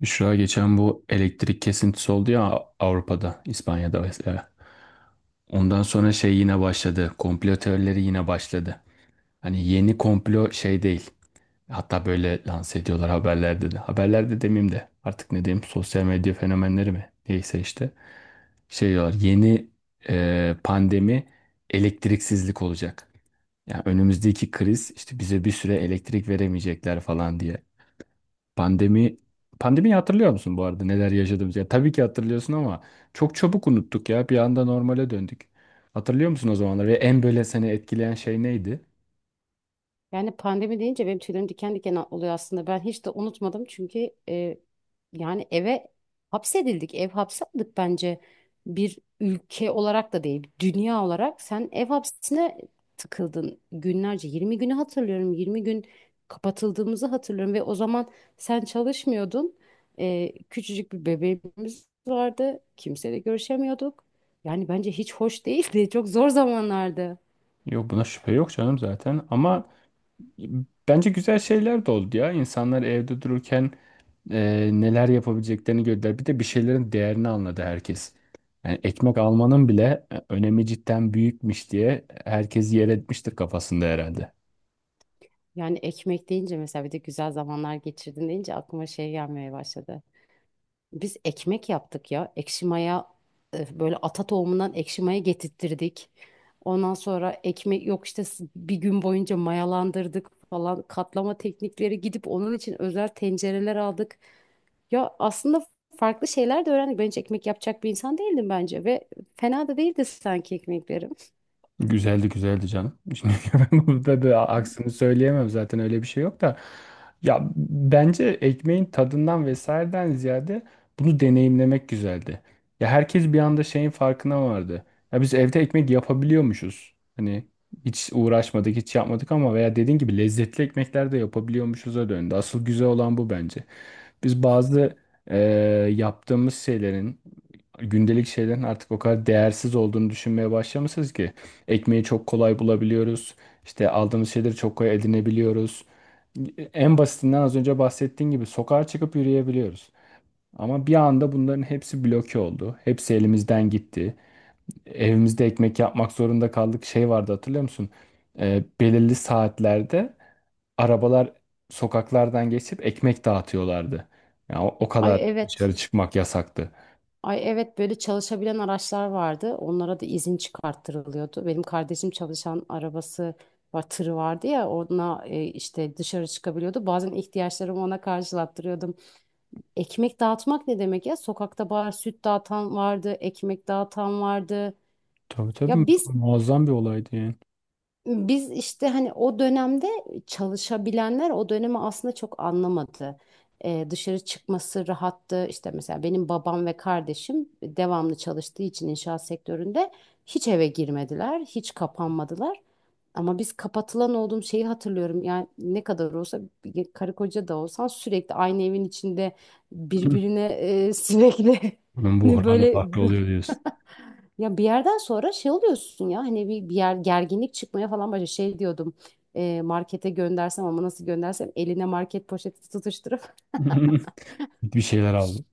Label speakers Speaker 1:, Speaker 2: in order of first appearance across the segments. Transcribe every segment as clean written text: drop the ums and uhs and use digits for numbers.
Speaker 1: Büşra geçen bu elektrik kesintisi oldu ya, Avrupa'da, İspanya'da vesaire. Ondan sonra şey yine başladı. Komplo teorileri yine başladı. Hani yeni komplo şey değil. Hatta böyle lanse ediyorlar haberlerde de. Haberlerde demeyeyim de artık ne diyeyim, sosyal medya fenomenleri mi? Neyse işte. Şey diyorlar, yeni pandemi elektriksizlik olacak. Yani önümüzdeki kriz, işte bize bir süre elektrik veremeyecekler falan diye. Pandemi Pandemiyi hatırlıyor musun bu arada, neler yaşadığımızı? Ya tabii ki hatırlıyorsun ama çok çabuk unuttuk ya. Bir anda normale döndük. Hatırlıyor musun o zamanlar ve en böyle seni etkileyen şey neydi?
Speaker 2: Yani pandemi deyince benim tüylerim diken diken oluyor aslında. Ben hiç de unutmadım çünkü yani eve hapsedildik. Ev hapsi aldık bence. Bir ülke olarak da değil, dünya olarak. Sen ev hapsine tıkıldın günlerce. 20 günü hatırlıyorum. 20 gün kapatıldığımızı hatırlıyorum ve o zaman sen çalışmıyordun. Küçücük bir bebeğimiz vardı. Kimseyle görüşemiyorduk. Yani bence hiç hoş değildi. Çok zor zamanlardı.
Speaker 1: Yok, buna şüphe yok canım zaten ama bence güzel şeyler de oldu ya. İnsanlar evde dururken neler yapabileceklerini gördüler. Bir de bir şeylerin değerini anladı herkes. Yani ekmek almanın bile önemi cidden büyükmüş diye herkes yer etmiştir kafasında herhalde.
Speaker 2: Yani ekmek deyince mesela bir de güzel zamanlar geçirdin deyince aklıma şey gelmeye başladı. Biz ekmek yaptık ya. Ekşi maya böyle ata tohumundan ekşi maya getirttirdik. Ondan sonra ekmek yok işte bir gün boyunca mayalandırdık falan, katlama teknikleri gidip onun için özel tencereler aldık. Ya aslında farklı şeyler de öğrendik. Ben hiç ekmek yapacak bir insan değildim bence ve fena da değildi sanki ekmeklerim.
Speaker 1: Güzeldi, güzeldi canım. Şimdi ben burada bir aksini söyleyemem zaten, öyle bir şey yok da. Ya bence ekmeğin tadından vesaireden ziyade bunu deneyimlemek güzeldi. Ya herkes bir anda şeyin farkına vardı. Ya biz evde ekmek yapabiliyormuşuz. Hani hiç uğraşmadık, hiç yapmadık ama veya dediğin gibi lezzetli ekmekler de yapabiliyormuşuz'a döndü. Asıl güzel olan bu bence. Biz bazı eee, yaptığımız şeylerin, gündelik şeylerin artık o kadar değersiz olduğunu düşünmeye başlamışız ki. Ekmeği çok kolay bulabiliyoruz. İşte aldığımız şeyleri çok kolay edinebiliyoruz. En basitinden, az önce bahsettiğin gibi, sokağa çıkıp yürüyebiliyoruz. Ama bir anda bunların hepsi bloke oldu. Hepsi elimizden gitti. Evimizde ekmek yapmak zorunda kaldık. Şey vardı, hatırlıyor musun? Belirli saatlerde arabalar sokaklardan geçip ekmek dağıtıyorlardı. Ya o
Speaker 2: Ay,
Speaker 1: kadar
Speaker 2: evet.
Speaker 1: dışarı çıkmak yasaktı.
Speaker 2: Ay evet, böyle çalışabilen araçlar vardı. Onlara da izin çıkarttırılıyordu. Benim kardeşim çalışan arabası var, tırı vardı ya, ona işte dışarı çıkabiliyordu. Bazen ihtiyaçlarımı ona karşılattırıyordum. Ekmek dağıtmak ne demek ya? Sokakta bar süt dağıtan vardı, ekmek dağıtan vardı.
Speaker 1: Tabii tabii,
Speaker 2: Ya biz
Speaker 1: muazzam bir olaydı yani.
Speaker 2: Biz işte hani o dönemde çalışabilenler o dönemi aslında çok anlamadı. Dışarı çıkması rahattı. İşte mesela benim babam ve kardeşim devamlı çalıştığı için inşaat sektöründe hiç eve girmediler, hiç kapanmadılar. Ama biz kapatılan olduğum şeyi hatırlıyorum. Yani ne kadar olsa bir karı koca da olsan sürekli aynı evin içinde birbirine sürekli
Speaker 1: Bunun buhranı
Speaker 2: böyle
Speaker 1: farklı oluyor diyorsun.
Speaker 2: Ya bir yerden sonra şey oluyorsun ya, hani bir yer gerginlik çıkmaya falan başlıyor. Şey diyordum, markete göndersem ama nasıl göndersem eline market poşeti tutuşturup.
Speaker 1: Bir şeyler aldı.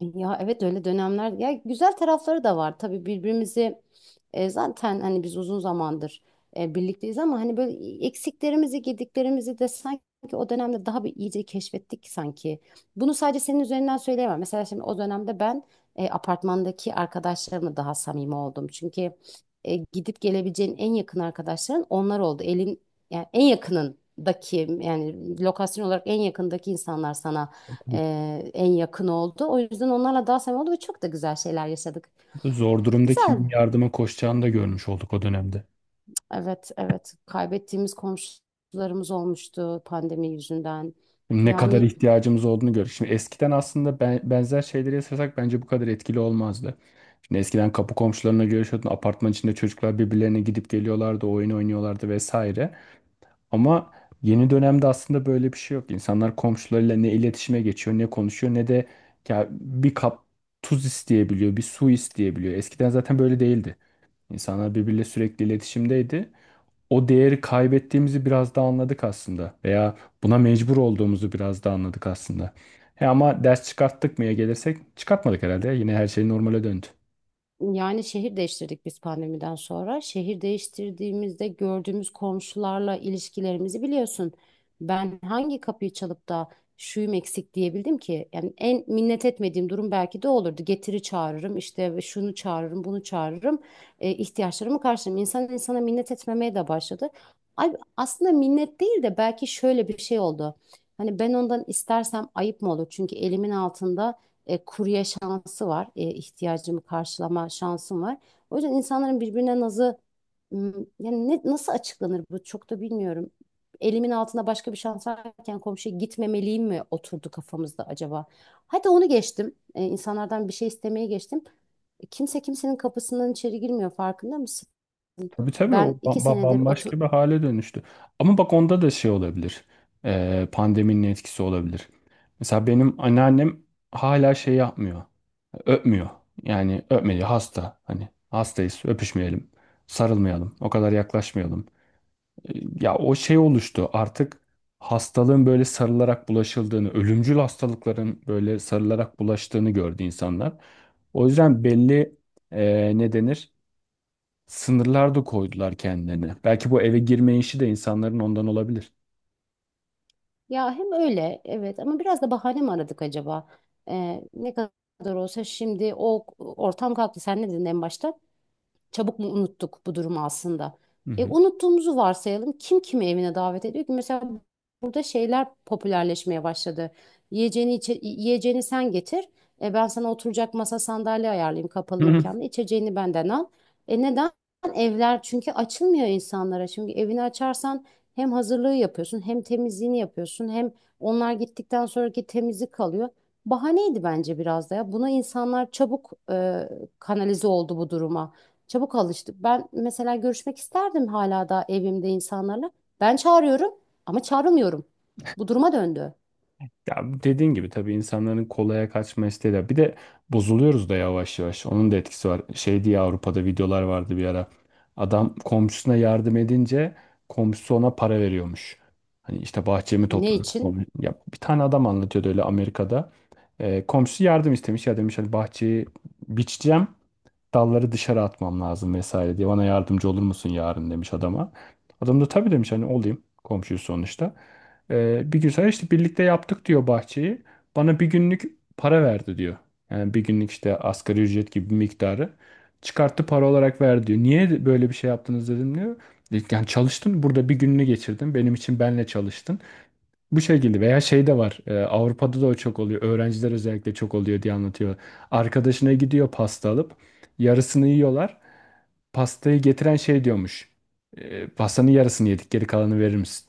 Speaker 2: Ya evet, öyle dönemler ya, güzel tarafları da var tabii. Birbirimizi zaten hani biz uzun zamandır birlikteyiz ama hani böyle eksiklerimizi gediklerimizi de sanki o dönemde daha bir iyice keşfettik sanki. Bunu sadece senin üzerinden söyleyemem. Mesela şimdi o dönemde ben apartmandaki arkadaşlarımla daha samimi oldum. Çünkü gidip gelebileceğin en yakın arkadaşların onlar oldu. Elin, yani en yakınındaki, yani lokasyon olarak en yakındaki insanlar sana
Speaker 1: Tabii,
Speaker 2: e, en yakın oldu. O yüzden onlarla daha samimi oldu ve çok da güzel şeyler yaşadık.
Speaker 1: zor durumda
Speaker 2: Güzel.
Speaker 1: kimin yardıma koşacağını da görmüş olduk o dönemde.
Speaker 2: Evet, evet. Kaybettiğimiz komşularımız olmuştu pandemi yüzünden.
Speaker 1: Ne kadar
Speaker 2: Yani
Speaker 1: ihtiyacımız olduğunu gördük. Şimdi eskiden aslında benzer şeyleri yaşasak bence bu kadar etkili olmazdı. Şimdi eskiden kapı komşularına görüşüyordun. Apartman içinde çocuklar birbirlerine gidip geliyorlardı, oyun oynuyorlardı vesaire. Ama yeni dönemde aslında böyle bir şey yok. İnsanlar komşularıyla ne iletişime geçiyor, ne konuşuyor, ne de ya bir kap tuz isteyebiliyor, bir su isteyebiliyor. Eskiden zaten böyle değildi. İnsanlar birbiriyle sürekli iletişimdeydi. O değeri kaybettiğimizi biraz da anladık aslında. Veya buna mecbur olduğumuzu biraz da anladık aslında. He ama ders çıkarttık mıya gelirsek, çıkartmadık herhalde. Yine her şey normale döndü.
Speaker 2: Yani şehir değiştirdik biz pandemiden sonra. Şehir değiştirdiğimizde gördüğümüz komşularla ilişkilerimizi biliyorsun. Ben hangi kapıyı çalıp da şuyum eksik diyebildim ki? Yani en minnet etmediğim durum belki de olurdu. Getiri çağırırım işte, ve şunu çağırırım, bunu çağırırım. İhtiyaçlarımı karşılarım. İnsan insana minnet etmemeye de başladı. Ay, aslında minnet değil de belki şöyle bir şey oldu. Hani ben ondan istersem ayıp mı olur? Çünkü elimin altında kurye şansı var. İhtiyacımı karşılama şansım var. O yüzden insanların birbirine nazı m, yani ne, nasıl açıklanır bu, çok da bilmiyorum. Elimin altında başka bir şans varken komşuya gitmemeliyim mi oturdu kafamızda acaba? Hadi onu geçtim. İnsanlardan bir şey istemeye geçtim. Kimse kimsenin kapısından içeri girmiyor, farkında mısın?
Speaker 1: Tabii tabii, o
Speaker 2: Ben iki senedir.
Speaker 1: bambaşka bir hale dönüştü. Ama bak, onda da şey olabilir. Pandeminin etkisi olabilir. Mesela benim anneannem hala şey yapmıyor. Öpmüyor. Yani öpmedi hasta. Hani hastayız, öpüşmeyelim. Sarılmayalım. O kadar yaklaşmayalım. Ya o şey oluştu artık, hastalığın böyle sarılarak bulaşıldığını, ölümcül hastalıkların böyle sarılarak bulaştığını gördü insanlar. O yüzden belli ne denir, sınırlar da koydular kendilerine. Belki bu eve girme işi de insanların ondan olabilir.
Speaker 2: Ya hem öyle evet, ama biraz da bahane mi aradık acaba? Ne kadar olsa şimdi o ortam kalktı. Sen ne dedin en başta? Çabuk mu unuttuk bu durumu aslında?
Speaker 1: Hı
Speaker 2: Unuttuğumuzu varsayalım. Kim kimi evine davet ediyor ki? Mesela burada şeyler popülerleşmeye başladı. Yiyeceğini, yiyeceğini sen getir. Ben sana oturacak masa sandalye ayarlayayım kapalı
Speaker 1: hı.
Speaker 2: mekanda. İçeceğini benden al. Neden? Evler çünkü açılmıyor insanlara. Çünkü evini açarsan hem hazırlığı yapıyorsun, hem temizliğini yapıyorsun, hem onlar gittikten sonraki temizlik kalıyor. Bahaneydi bence biraz da ya. Buna insanlar çabuk kanalize oldu bu duruma. Çabuk alıştık. Ben mesela görüşmek isterdim hala da evimde insanlarla. Ben çağırıyorum ama çağrılmıyorum. Bu duruma döndü.
Speaker 1: Ya dediğin gibi tabii, insanların kolaya kaçma isteği de. Bir de bozuluyoruz da yavaş yavaş. Onun da etkisi var. Şey diye Avrupa'da videolar vardı bir ara. Adam komşusuna yardım edince komşusu ona para veriyormuş. Hani işte bahçemi
Speaker 2: Ne
Speaker 1: topladım.
Speaker 2: için?
Speaker 1: Ya bir tane adam anlatıyordu öyle, Amerika'da. Komşusu yardım istemiş. Ya demiş, hani bahçeyi biçeceğim, dalları dışarı atmam lazım vesaire diye, bana yardımcı olur musun yarın, demiş adama. Adam da tabii demiş, hani olayım komşuyu sonuçta. Bir gün sonra işte birlikte yaptık diyor bahçeyi. Bana bir günlük para verdi diyor. Yani bir günlük işte asgari ücret gibi bir miktarı çıkarttı, para olarak verdi diyor. Niye böyle bir şey yaptınız dedim diyor. Yani çalıştın burada, bir gününü geçirdin benim için, benle çalıştın. Bu şekilde veya şey de var. Avrupa'da da o çok oluyor. Öğrenciler özellikle çok oluyor diye anlatıyor. Arkadaşına gidiyor pasta alıp yarısını yiyorlar. Pastayı getiren şey diyormuş. Pastanın yarısını yedik, geri kalanı verir misin?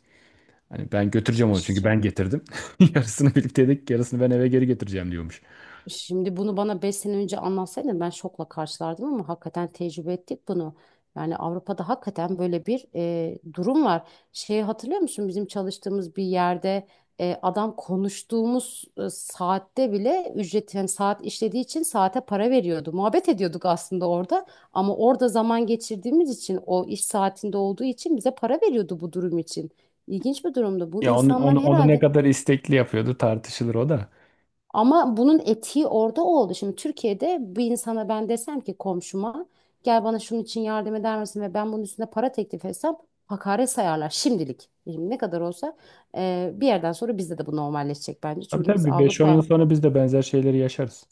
Speaker 1: Hani ben götüreceğim onu çünkü ben getirdim." Yarısını birlikte yedik, yarısını ben eve geri getireceğim diyormuş.
Speaker 2: Şimdi bunu bana 5 sene önce anlatsaydın ben şokla karşılardım, ama hakikaten tecrübe ettik bunu. Yani Avrupa'da hakikaten böyle bir durum var. Şeyi hatırlıyor musun? Bizim çalıştığımız bir yerde adam, konuştuğumuz saatte bile ücret, yani saat işlediği için saate para veriyordu. Muhabbet ediyorduk aslında orada, ama orada zaman geçirdiğimiz için, o iş saatinde olduğu için bize para veriyordu bu durum için. İlginç bir durumdu. Bu
Speaker 1: Ya
Speaker 2: insanlar
Speaker 1: onu ne
Speaker 2: herhalde,
Speaker 1: kadar istekli yapıyordu tartışılır o da.
Speaker 2: ama bunun etiği orada oldu. Şimdi Türkiye'de bir insana ben desem ki komşuma, gel bana şunun için yardım eder misin, ve ben bunun üstüne para teklif etsem hakaret sayarlar şimdilik. Şimdi ne kadar olsa bir yerden sonra bizde de bu normalleşecek bence.
Speaker 1: Tabii
Speaker 2: Çünkü
Speaker 1: tabii,
Speaker 2: biz
Speaker 1: bir 5-10 yıl
Speaker 2: Avrupa.
Speaker 1: sonra biz de benzer şeyleri yaşarız.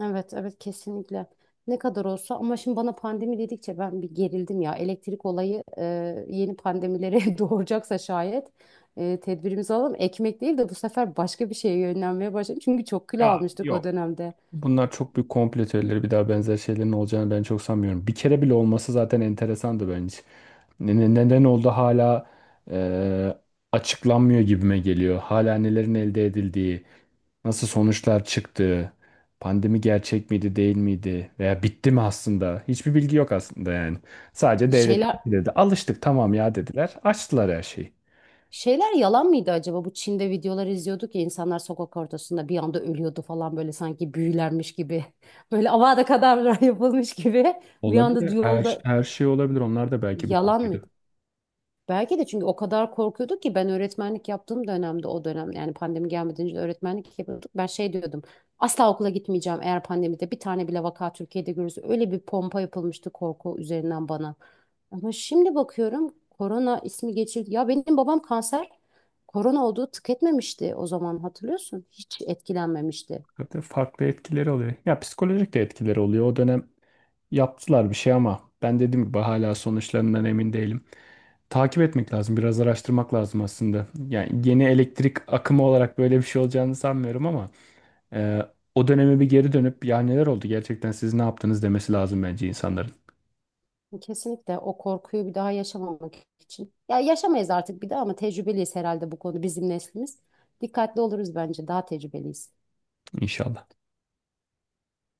Speaker 2: Evet, evet, kesinlikle. Ne kadar olsa. Ama şimdi bana pandemi dedikçe ben bir gerildim ya. Elektrik olayı yeni pandemilere doğuracaksa şayet, tedbirimizi alalım. Ekmek değil de bu sefer başka bir şeye yönlenmeye başladım. Çünkü çok kilo
Speaker 1: Ya
Speaker 2: almıştık o
Speaker 1: yok.
Speaker 2: dönemde.
Speaker 1: Bunlar çok büyük komplo teorileri. Bir daha benzer şeylerin olacağını ben çok sanmıyorum. Bir kere bile olması zaten enteresandı bence. Neden oldu hala e, açıklanmıyor gibime geliyor. Hala nelerin elde edildiği, nasıl sonuçlar çıktığı, pandemi gerçek miydi değil miydi veya bitti mi aslında? Hiçbir bilgi yok aslında yani. Sadece
Speaker 2: Şeyler
Speaker 1: devletler dedi. Alıştık tamam ya dediler. Açtılar her şeyi.
Speaker 2: şeyler yalan mıydı acaba? Bu Çin'de videolar izliyorduk ya, insanlar sokak ortasında bir anda ölüyordu falan, böyle sanki büyülenmiş gibi. Böyle Avada Kedavra yapılmış gibi bir anda
Speaker 1: Olabilir.
Speaker 2: yolda.
Speaker 1: Her şey olabilir. Onlar da belki bu
Speaker 2: Yalan
Speaker 1: konuydu.
Speaker 2: mıydı? Belki de, çünkü o kadar korkuyorduk ki. Ben öğretmenlik yaptığım dönemde, o dönem, yani pandemi gelmeden önce de öğretmenlik yapıyorduk. Ben şey diyordum, asla okula gitmeyeceğim eğer pandemide bir tane bile vaka Türkiye'de görürüz. Öyle bir pompa yapılmıştı korku üzerinden bana. Ama şimdi bakıyorum, korona ismi geçildi. Ya benim babam kanser, korona olduğu tık etmemişti o zaman, hatırlıyorsun. Hiç etkilenmemişti.
Speaker 1: Tabii farklı etkileri oluyor. Ya psikolojik de etkileri oluyor. O dönem yaptılar bir şey ama ben, dediğim gibi, hala sonuçlarından emin değilim. Takip etmek lazım, biraz araştırmak lazım aslında. Yani yeni elektrik akımı olarak böyle bir şey olacağını sanmıyorum ama e, o döneme bir geri dönüp ya neler oldu gerçekten, siz ne yaptınız demesi lazım bence insanların.
Speaker 2: Kesinlikle o korkuyu bir daha yaşamamak için. Ya yaşamayız artık bir daha ama, tecrübeliyiz herhalde bu konu bizim neslimiz. Dikkatli oluruz, bence daha tecrübeliyiz.
Speaker 1: İnşallah.